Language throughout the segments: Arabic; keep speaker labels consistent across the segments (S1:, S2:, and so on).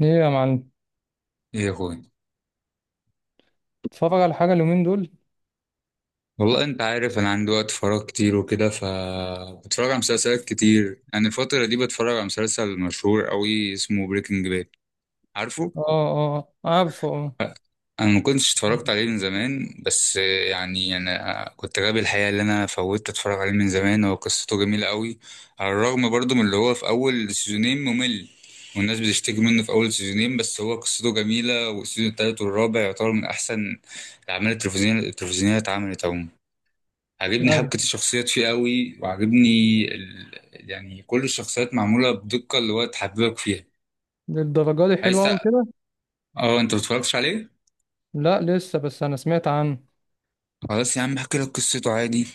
S1: ايه يا معلم.
S2: ايه يا اخويا.
S1: اتفرج على حاجة اليومين دول.
S2: والله انت عارف انا عندي وقت فراغ كتير وكده ف بتفرج على مسلسلات كتير. يعني الفترة دي بتفرج على مسلسل مشهور قوي اسمه بريكنج باد، عارفه؟
S1: اه. اه عارفه اه.
S2: أ- انا ما كنتش اتفرجت عليه من زمان، بس يعني انا كنت غبي الحقيقة اللي انا فوتت اتفرج عليه من زمان. هو قصته جميلة قوي، على الرغم برضو من اللي هو في اول سيزونين ممل والناس بتشتكي منه في اول سيزونين، بس هو قصته جميلة والسيزون التالت والرابع يعتبر من احسن الاعمال التلفزيونية اتعملت عموما. عاجبني حبكة
S1: ايوه،
S2: الشخصيات فيه قوي، وعاجبني يعني كل الشخصيات معمولة بدقة اللي هو تحببك فيها.
S1: للدرجة دي
S2: عايز
S1: حلوة أوي
S2: تق-
S1: كده.
S2: اه انت متفرجتش عليه؟
S1: لا لسه، بس أنا سمعت عنه.
S2: خلاص يا عم احكي لك قصته عادي.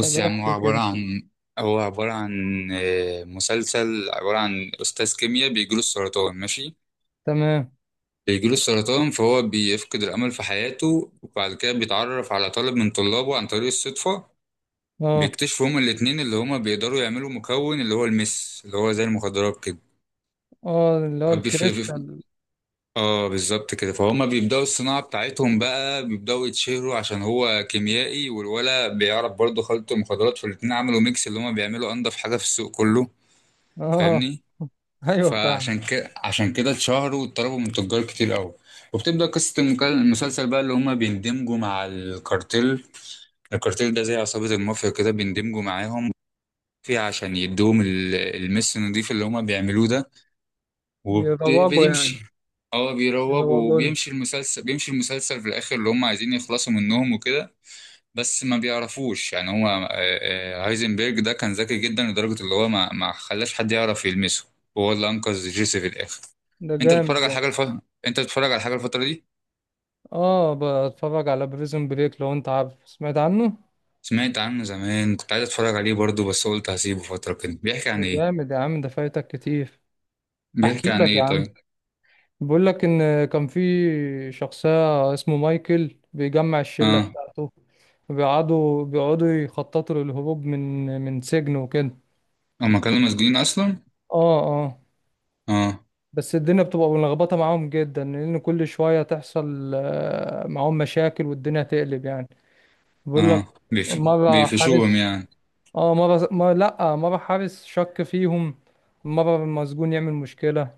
S1: طب
S2: يا عم، هو
S1: احكي
S2: عبارة
S1: كده.
S2: عن هو عبارة عن آه، مسلسل عبارة عن أستاذ كيمياء بيجيله السرطان، ماشي؟
S1: تمام.
S2: بيجيله السرطان فهو بيفقد الأمل في حياته، وبعد كده بيتعرف على طالب من طلابه عن طريق الصدفة.
S1: اه.
S2: بيكتشفوا هما الاتنين اللي هما بيقدروا يعملوا مكون اللي هو المس، اللي هو زي المخدرات كده.
S1: اه اللي هو
S2: بي- في
S1: الكريستال.
S2: اه بالظبط كده، فهم بيبداوا الصناعه بتاعتهم بقى، بيبداوا يتشهروا عشان هو كيميائي والولا بيعرف برضه خلط مخدرات، فالاتنين عملوا ميكس اللي هما بيعملوا انضف حاجه في السوق كله،
S1: اه.
S2: فاهمني؟
S1: ايوه فاهم.
S2: فعشان كده عشان كده اتشهروا واتطلبوا من تجار كتير قوي، وبتبدا قصه المسلسل بقى اللي هما بيندمجوا مع الكارتيل. الكارتيل ده زي عصابه المافيا كده، بيندمجوا معاهم فيه عشان يدوهم المس النضيف اللي هما بيعملوه ده.
S1: يروجوا يعني.
S2: وبتمشي، اه بيروج،
S1: يروجوا لنا.
S2: وبيمشي المسلسل في الاخر اللي هم عايزين يخلصوا منهم وكده. بس ما بيعرفوش يعني. هو هايزنبرج ده كان ذكي جدا لدرجة اللي هو ما خلاش حد يعرف يلمسه، وهو اللي انقذ جيسي في الاخر.
S1: ده
S2: انت
S1: جامد
S2: بتتفرج على
S1: ده.
S2: حاجة الف... انت بتتفرج على حاجة الفترة دي؟
S1: اه بتفرج على بريزون بريك، لو انت عارف سمعت عنه.
S2: سمعت عنه زمان، كنت عايز اتفرج عليه برضه بس قلت هسيبه فترة كده. بيحكي
S1: ده
S2: عن ايه؟
S1: جامد يا عم، ده فايتك كتير. احكي
S2: بيحكي عن
S1: لك يا
S2: ايه
S1: عم.
S2: طيب؟
S1: بقول لك ان كان في شخصية اسمه مايكل بيجمع الشلة
S2: اه.
S1: بتاعته. بيقعدوا يخططوا للهروب من سجن وكده.
S2: هما كانوا مسجونين اصلا؟
S1: اه اه.
S2: اه
S1: بس الدنيا بتبقى ملخبطة معاهم جدا، لان كل شوية تحصل معاهم مشاكل والدنيا تقلب يعني. بقول لك،
S2: اه.
S1: مرة
S2: بيفشوهم
S1: حارس.
S2: يعني؟
S1: اه مرة، مرة لا مرة حارس شك فيهم. مرة المسجون يعمل مشكلة.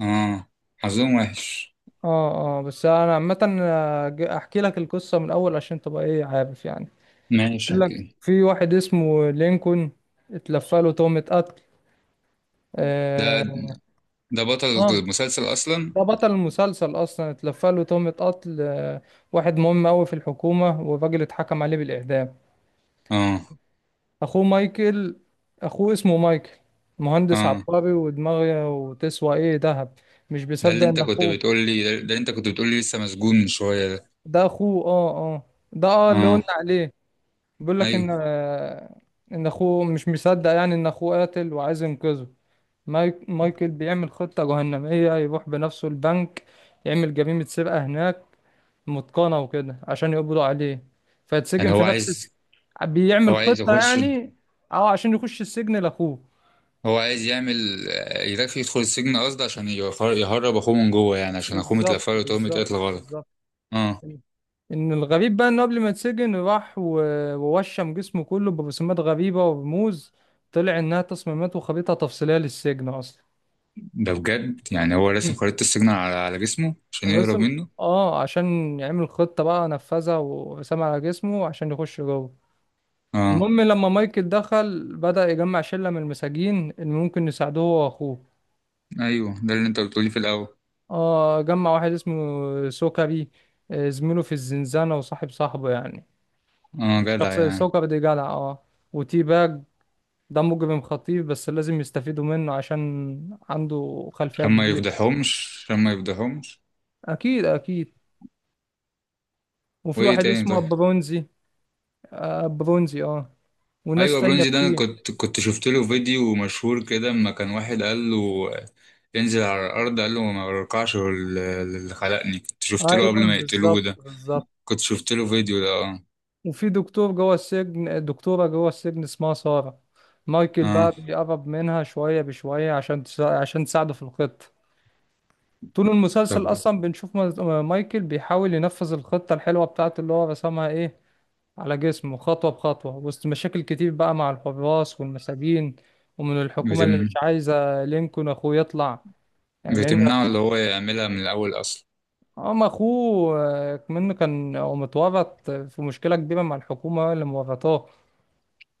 S2: اه، حظهم وحش.
S1: اه اه. بس انا عامة احكي لك القصة من الاول عشان تبقى ايه عارف يعني.
S2: ماشي
S1: يقول لك،
S2: هجيب.
S1: في واحد اسمه لينكولن اتلفى له تهمة قتل
S2: ده
S1: آه,
S2: ده بطل
S1: اه.
S2: المسلسل اصلا.
S1: ده بطل المسلسل اصلا. اتلفى له تهمة قتل آه، واحد مهم قوي في الحكومة، والراجل اتحكم عليه بالإعدام.
S2: اه
S1: اخوه مايكل. اخوه اسمه مايكل، مهندس
S2: اه.
S1: عبقري ودماغه وتسوى ايه ذهب. مش
S2: ده اللي
S1: بيصدق
S2: انت
S1: ان
S2: كنت
S1: اخوه.
S2: بتقول لي، لسه مسجون من شويه ده.
S1: ده اخوه اه اه. ده اه اللي قلنا
S2: اه،
S1: عليه. بيقول لك ان
S2: ايوه.
S1: آه، ان اخوه مش مصدق يعني ان اخوه قاتل، وعايز ينقذه. مايكل بيعمل خطة جهنمية، يروح بنفسه البنك، يعمل جريمة سرقة هناك متقنة وكده عشان يقبضوا عليه، فيتسجن
S2: يعني هو
S1: في نفس
S2: عايز،
S1: الس... بيعمل
S2: هو عايز
S1: خطة
S2: يخش،
S1: يعني. اه عشان يخش السجن لأخوه.
S2: هو عايز يعمل يدخل السجن قصد عشان يهرب اخوه من جوه، يعني عشان اخوه
S1: بالظبط
S2: متلفه له تهمه
S1: بالظبط
S2: قتل غلط.
S1: بالظبط.
S2: اه،
S1: ان الغريب بقى انه قبل ما يتسجن، راح ووشم جسمه كله برسومات غريبة ورموز. طلع انها تصميمات وخريطة تفصيلية للسجن اصلا.
S2: ده بجد؟ يعني هو راسم خريطه السجن على جسمه عشان
S1: بس.
S2: يهرب منه؟
S1: اه عشان يعمل خطة بقى نفذها وسام على جسمه عشان يخش جوه.
S2: اه،
S1: المهم، لما مايكل دخل، بدأ يجمع شلة من المساجين اللي ممكن يساعدوه هو واخوه.
S2: ايوه ده اللي انت بتقولي في الاول.
S1: اه. جمع واحد اسمه سوكري زميله في الزنزانة وصاحب صاحبه يعني.
S2: اه جدع
S1: الشخص
S2: يعني؟
S1: سوكري ده جدع اه. وتي باج، ده مجرم خطير، بس لازم يستفيدوا منه عشان عنده خلفية
S2: عشان ما
S1: كبيرة.
S2: يفضحهمش،
S1: أكيد أكيد. وفي
S2: وايه
S1: واحد
S2: تاني
S1: اسمه
S2: طيب؟
S1: برونزي. آه برونزي اه. وناس
S2: ايوه
S1: تانية
S2: برونزي ده، انا
S1: كتير.
S2: كنت شفت له فيديو مشهور كده، اما كان واحد قال له ينزل على الارض قال له ما برقعش للي خلقني. كنت شفت له
S1: ايوه
S2: قبل ما يقتلوه
S1: بالظبط
S2: ده،
S1: بالظبط.
S2: كنت شفت له فيديو ده اه.
S1: وفي دكتور جوه السجن، دكتوره جوه السجن اسمها ساره. مايكل بقى
S2: اه،
S1: بيقرب منها شويه بشويه عشان عشان تساعده في الخطه. طول
S2: طب
S1: المسلسل اصلا بنشوف مايكل بيحاول ينفذ الخطه الحلوه بتاعته اللي هو رسمها ايه على جسمه، خطوه بخطوه، وسط مشاكل كتير بقى مع الحراس والمساجين، ومن الحكومه اللي مش
S2: بتم
S1: عايزه لينكولن اخوه يطلع، يعني لان
S2: بتمنعه اللي هو يعملها من الاول اصلا.
S1: هم اخوه منه، كان هو متورط في مشكله كبيره مع الحكومه اللي مورطاه.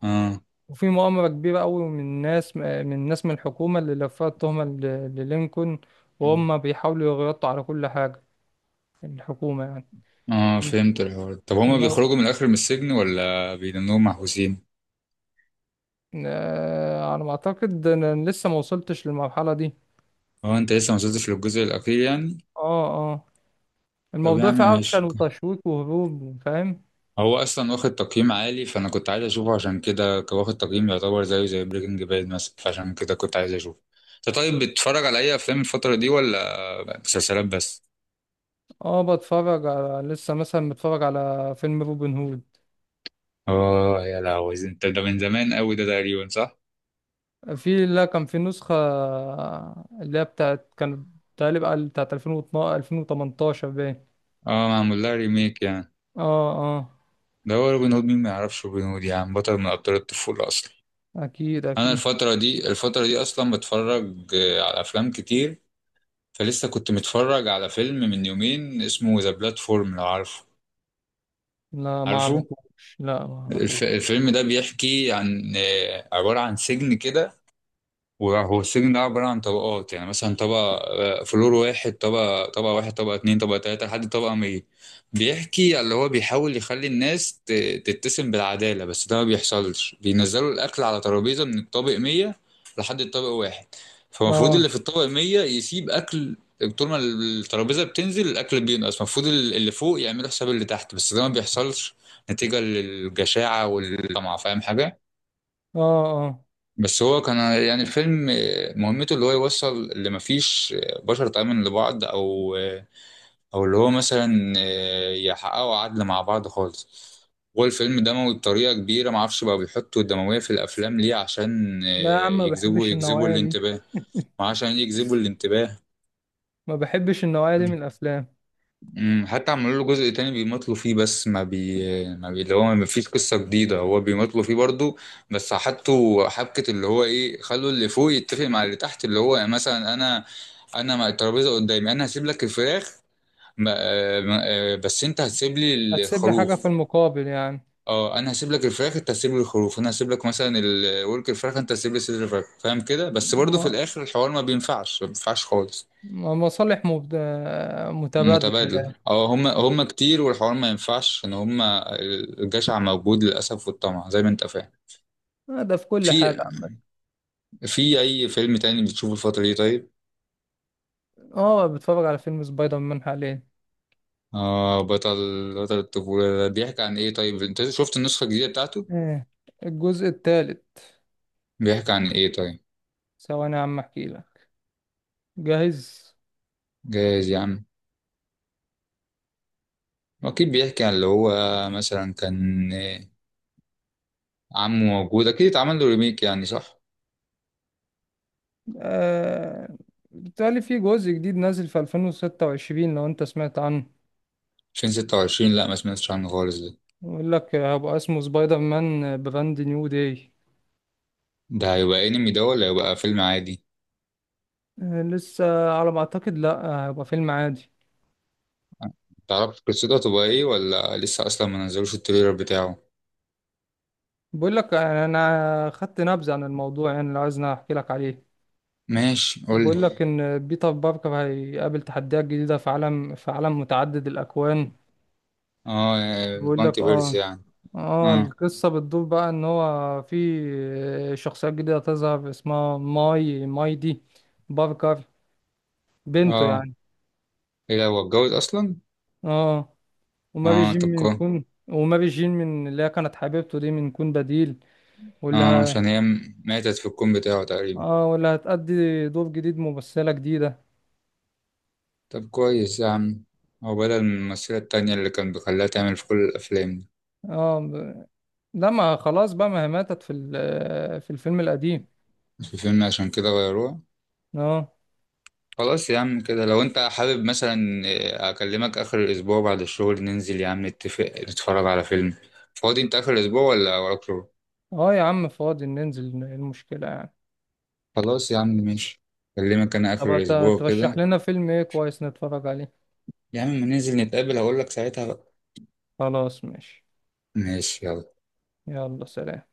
S2: اه
S1: وفي مؤامرة كبيرة قوي من ناس من الحكومة اللي لفت التهمة للينكولن، وهم بيحاولوا يغطوا على كل حاجة، الحكومة يعني.
S2: اه، فهمت الحوار. طب هما
S1: المو...
S2: بيخرجوا من الاخر من السجن ولا بيدنوهم محبوسين؟
S1: على ما أعتقد أنا لسه ما وصلتش للمرحلة دي.
S2: هو انت لسه ما وصلتش للجزء الاخير يعني؟
S1: اه اه.
S2: طب يا
S1: الموضوع
S2: عم
S1: فيه أكشن
S2: ماشي.
S1: وتشويق وهروب فاهم.
S2: هو اصلا واخد تقييم عالي، فانا كنت عايز اشوفه. عشان كده كان واخد تقييم يعتبر زيه زي بريكنج باد مثلا، فعشان كده كنت عايز اشوفه. انت طيب بتتفرج على اي افلام الفتره دي ولا مسلسلات بس؟
S1: اه بتفرج على لسه مثلا، بتفرج على فيلم روبن هود.
S2: اه، يا لهوي، انت ده من زمان قوي ده تقريبا، صح؟
S1: في لا، كان في نسخة اللي هي بتاعت كانت تقريبا بتاعت 2012 2018 باين.
S2: اه معمول لها ريميك يعني.
S1: اه اه.
S2: ده هو روبن هود، مين ما يعرفش روبن هود يا عم، بطل من ابطال الطفوله اصلا.
S1: اكيد
S2: انا
S1: اكيد.
S2: الفتره دي، اصلا بتفرج على افلام كتير. فلسه كنت متفرج على فيلم من يومين اسمه ذا بلاتفورم، لو عارفه،
S1: لا ما
S2: عارفه؟
S1: اعرفوش، لا ما اعرفوش.
S2: الفيلم ده بيحكي عن عبارة عن سجن كده. وهو السجن ده عبارة عن طبقات، يعني مثلا طبقة، فلور واحد، طبقة واحد، طبقة اتنين، طبقة تلاتة، لحد طبقة مية. بيحكي على اللي هو بيحاول يخلي الناس تتسم بالعدالة، بس ده ما بيحصلش. بينزلوا الأكل على ترابيزة من الطابق مية لحد الطابق واحد، فالمفروض
S1: اه
S2: اللي في الطابق مية يسيب أكل. طول ما الترابيزة بتنزل الأكل بينقص، المفروض اللي فوق يعملوا حساب اللي تحت، بس ده ما بيحصلش نتيجة للجشاعة والطمع، فاهم حاجة؟
S1: اه اه.
S2: بس هو كان يعني الفيلم مهمته اللي هو يوصل اللي مفيش بشر تؤمن لبعض، او اللي هو مثلا يحققوا عدل مع بعض خالص. هو الفيلم دموي بطريقة كبيرة، معرفش بقى بيحطوا الدموية في الأفلام ليه، عشان
S1: لا يا عم ما
S2: يجذبوا
S1: بحبش
S2: يجذبوا
S1: النوعية دي.
S2: الانتباه، وعشان يجذبوا الانتباه.
S1: ما بحبش النوعية دي من الافلام.
S2: حتى عملوا له جزء تاني بيمطلوا فيه، بس ما بي ما بي اللي هو ما فيش قصة جديدة، هو بيمطلوا فيه برضو. بس حطوا حبكة اللي هو ايه، خلوا اللي فوق يتفق مع اللي تحت، اللي هو مثلا انا مع الترابيزة قدامي، انا هسيب لك الفراخ، بس انت هتسيب لي
S1: هتسيب لي حاجة في
S2: الخروف.
S1: المقابل يعني.
S2: اه انا هسيب لك الفراخ، انت هتسيب لي الخروف، انا هسيب لك مثلا الورك الفراخ، انت هتسيب لي صدر الفراخ، فاهم كده؟ بس برضو
S1: ما
S2: في الاخر الحوار ما بينفعش، خالص.
S1: مصالح مبد... متبادلة من
S2: متبادل
S1: الآخر.
S2: اه، هم هم كتير، والحوار ما ينفعش، ان هم الجشع موجود للاسف والطمع زي ما انت فاهم.
S1: ده في كل حاجة
S2: في
S1: عامة.
S2: اي فيلم تاني بتشوفه الفتره دي طيب؟
S1: اه بتفرج على فيلم سبايدر مان حاليا.
S2: اه، بطل الطفوله ده بيحكي عن ايه طيب؟ انت شفت النسخه الجديده بتاعته؟
S1: ايه، الجزء الثالث.
S2: بيحكي عن ايه طيب؟
S1: ثواني يا عم احكي لك. جاهز.
S2: جايز يا عم، اكيد بيحكي عن اللي هو مثلا كان عمه موجود. اكيد اتعمل له ريميك يعني، صح؟
S1: آه... بالتالي في جزء جديد نازل في 2026، لو انت سمعت عنه.
S2: 2026؟ لا ما سمعتش عنه خالص ده.
S1: يقول لك هيبقى اسمه سبايدر مان براند نيو داي.
S2: ده هيبقى انمي ده ولا هيبقى فيلم عادي؟
S1: آه، لسه على ما اعتقد، لا آه، هيبقى فيلم عادي.
S2: تعرف قصته تبقى ايه ولا لسه اصلا ما نزلوش التريلر بتاعه؟
S1: بقول لك آه، انا خدت نبذة عن الموضوع، يعني لو عايزني احكي لك عليه.
S2: ماشي قولي.
S1: بقول لك ان بيتر باركر هيقابل تحديات جديدة في عالم، في عالم متعدد الاكوان.
S2: اه،
S1: بقول لك
S2: المالتي فيرس
S1: اه.
S2: يعني.
S1: اه،
S2: اه
S1: القصة بتدور بقى ان هو في شخصيات جديدة تظهر اسمها ماي دي باركر، بنته
S2: اه،
S1: يعني.
S2: ايه ده، هو اتجوز اصلا؟
S1: اه. وما
S2: اه
S1: بيجين
S2: طب
S1: من
S2: كويس.
S1: كون، وما بيجين من اللي هي كانت حبيبته دي من كون بديل. واللي
S2: اه
S1: ه...
S2: عشان هي ماتت في الكون بتاعه تقريبا.
S1: اه واللي هتأدي دور جديد ممثلة جديدة.
S2: طب كويس يا عم، هو بدل من الممثلة التانية اللي كان بيخليها تعمل في كل الأفلام دي؟
S1: اه ب... لا ما خلاص بقى، ما هي ماتت في في الفيلم القديم.
S2: مش في فيلم عشان كده غيروها؟
S1: اه.
S2: خلاص يا عم كده، لو انت حابب مثلا أكلمك آخر الأسبوع بعد الشغل، ننزل يا عم نتفق نتفرج على فيلم. فاضي انت آخر الأسبوع ولا وراك شغل؟
S1: اه يا عم فاضي، ننزل إيه المشكلة يعني.
S2: خلاص يا عم ماشي، أكلمك أنا
S1: طب
S2: آخر الأسبوع
S1: ترشح
S2: كده.
S1: لنا فيلم ايه كويس نتفرج عليه.
S2: يا عم ما ننزل نتقابل هقولك ساعتها بقى.
S1: خلاص ماشي.
S2: ماشي يلا.
S1: يلا سلام.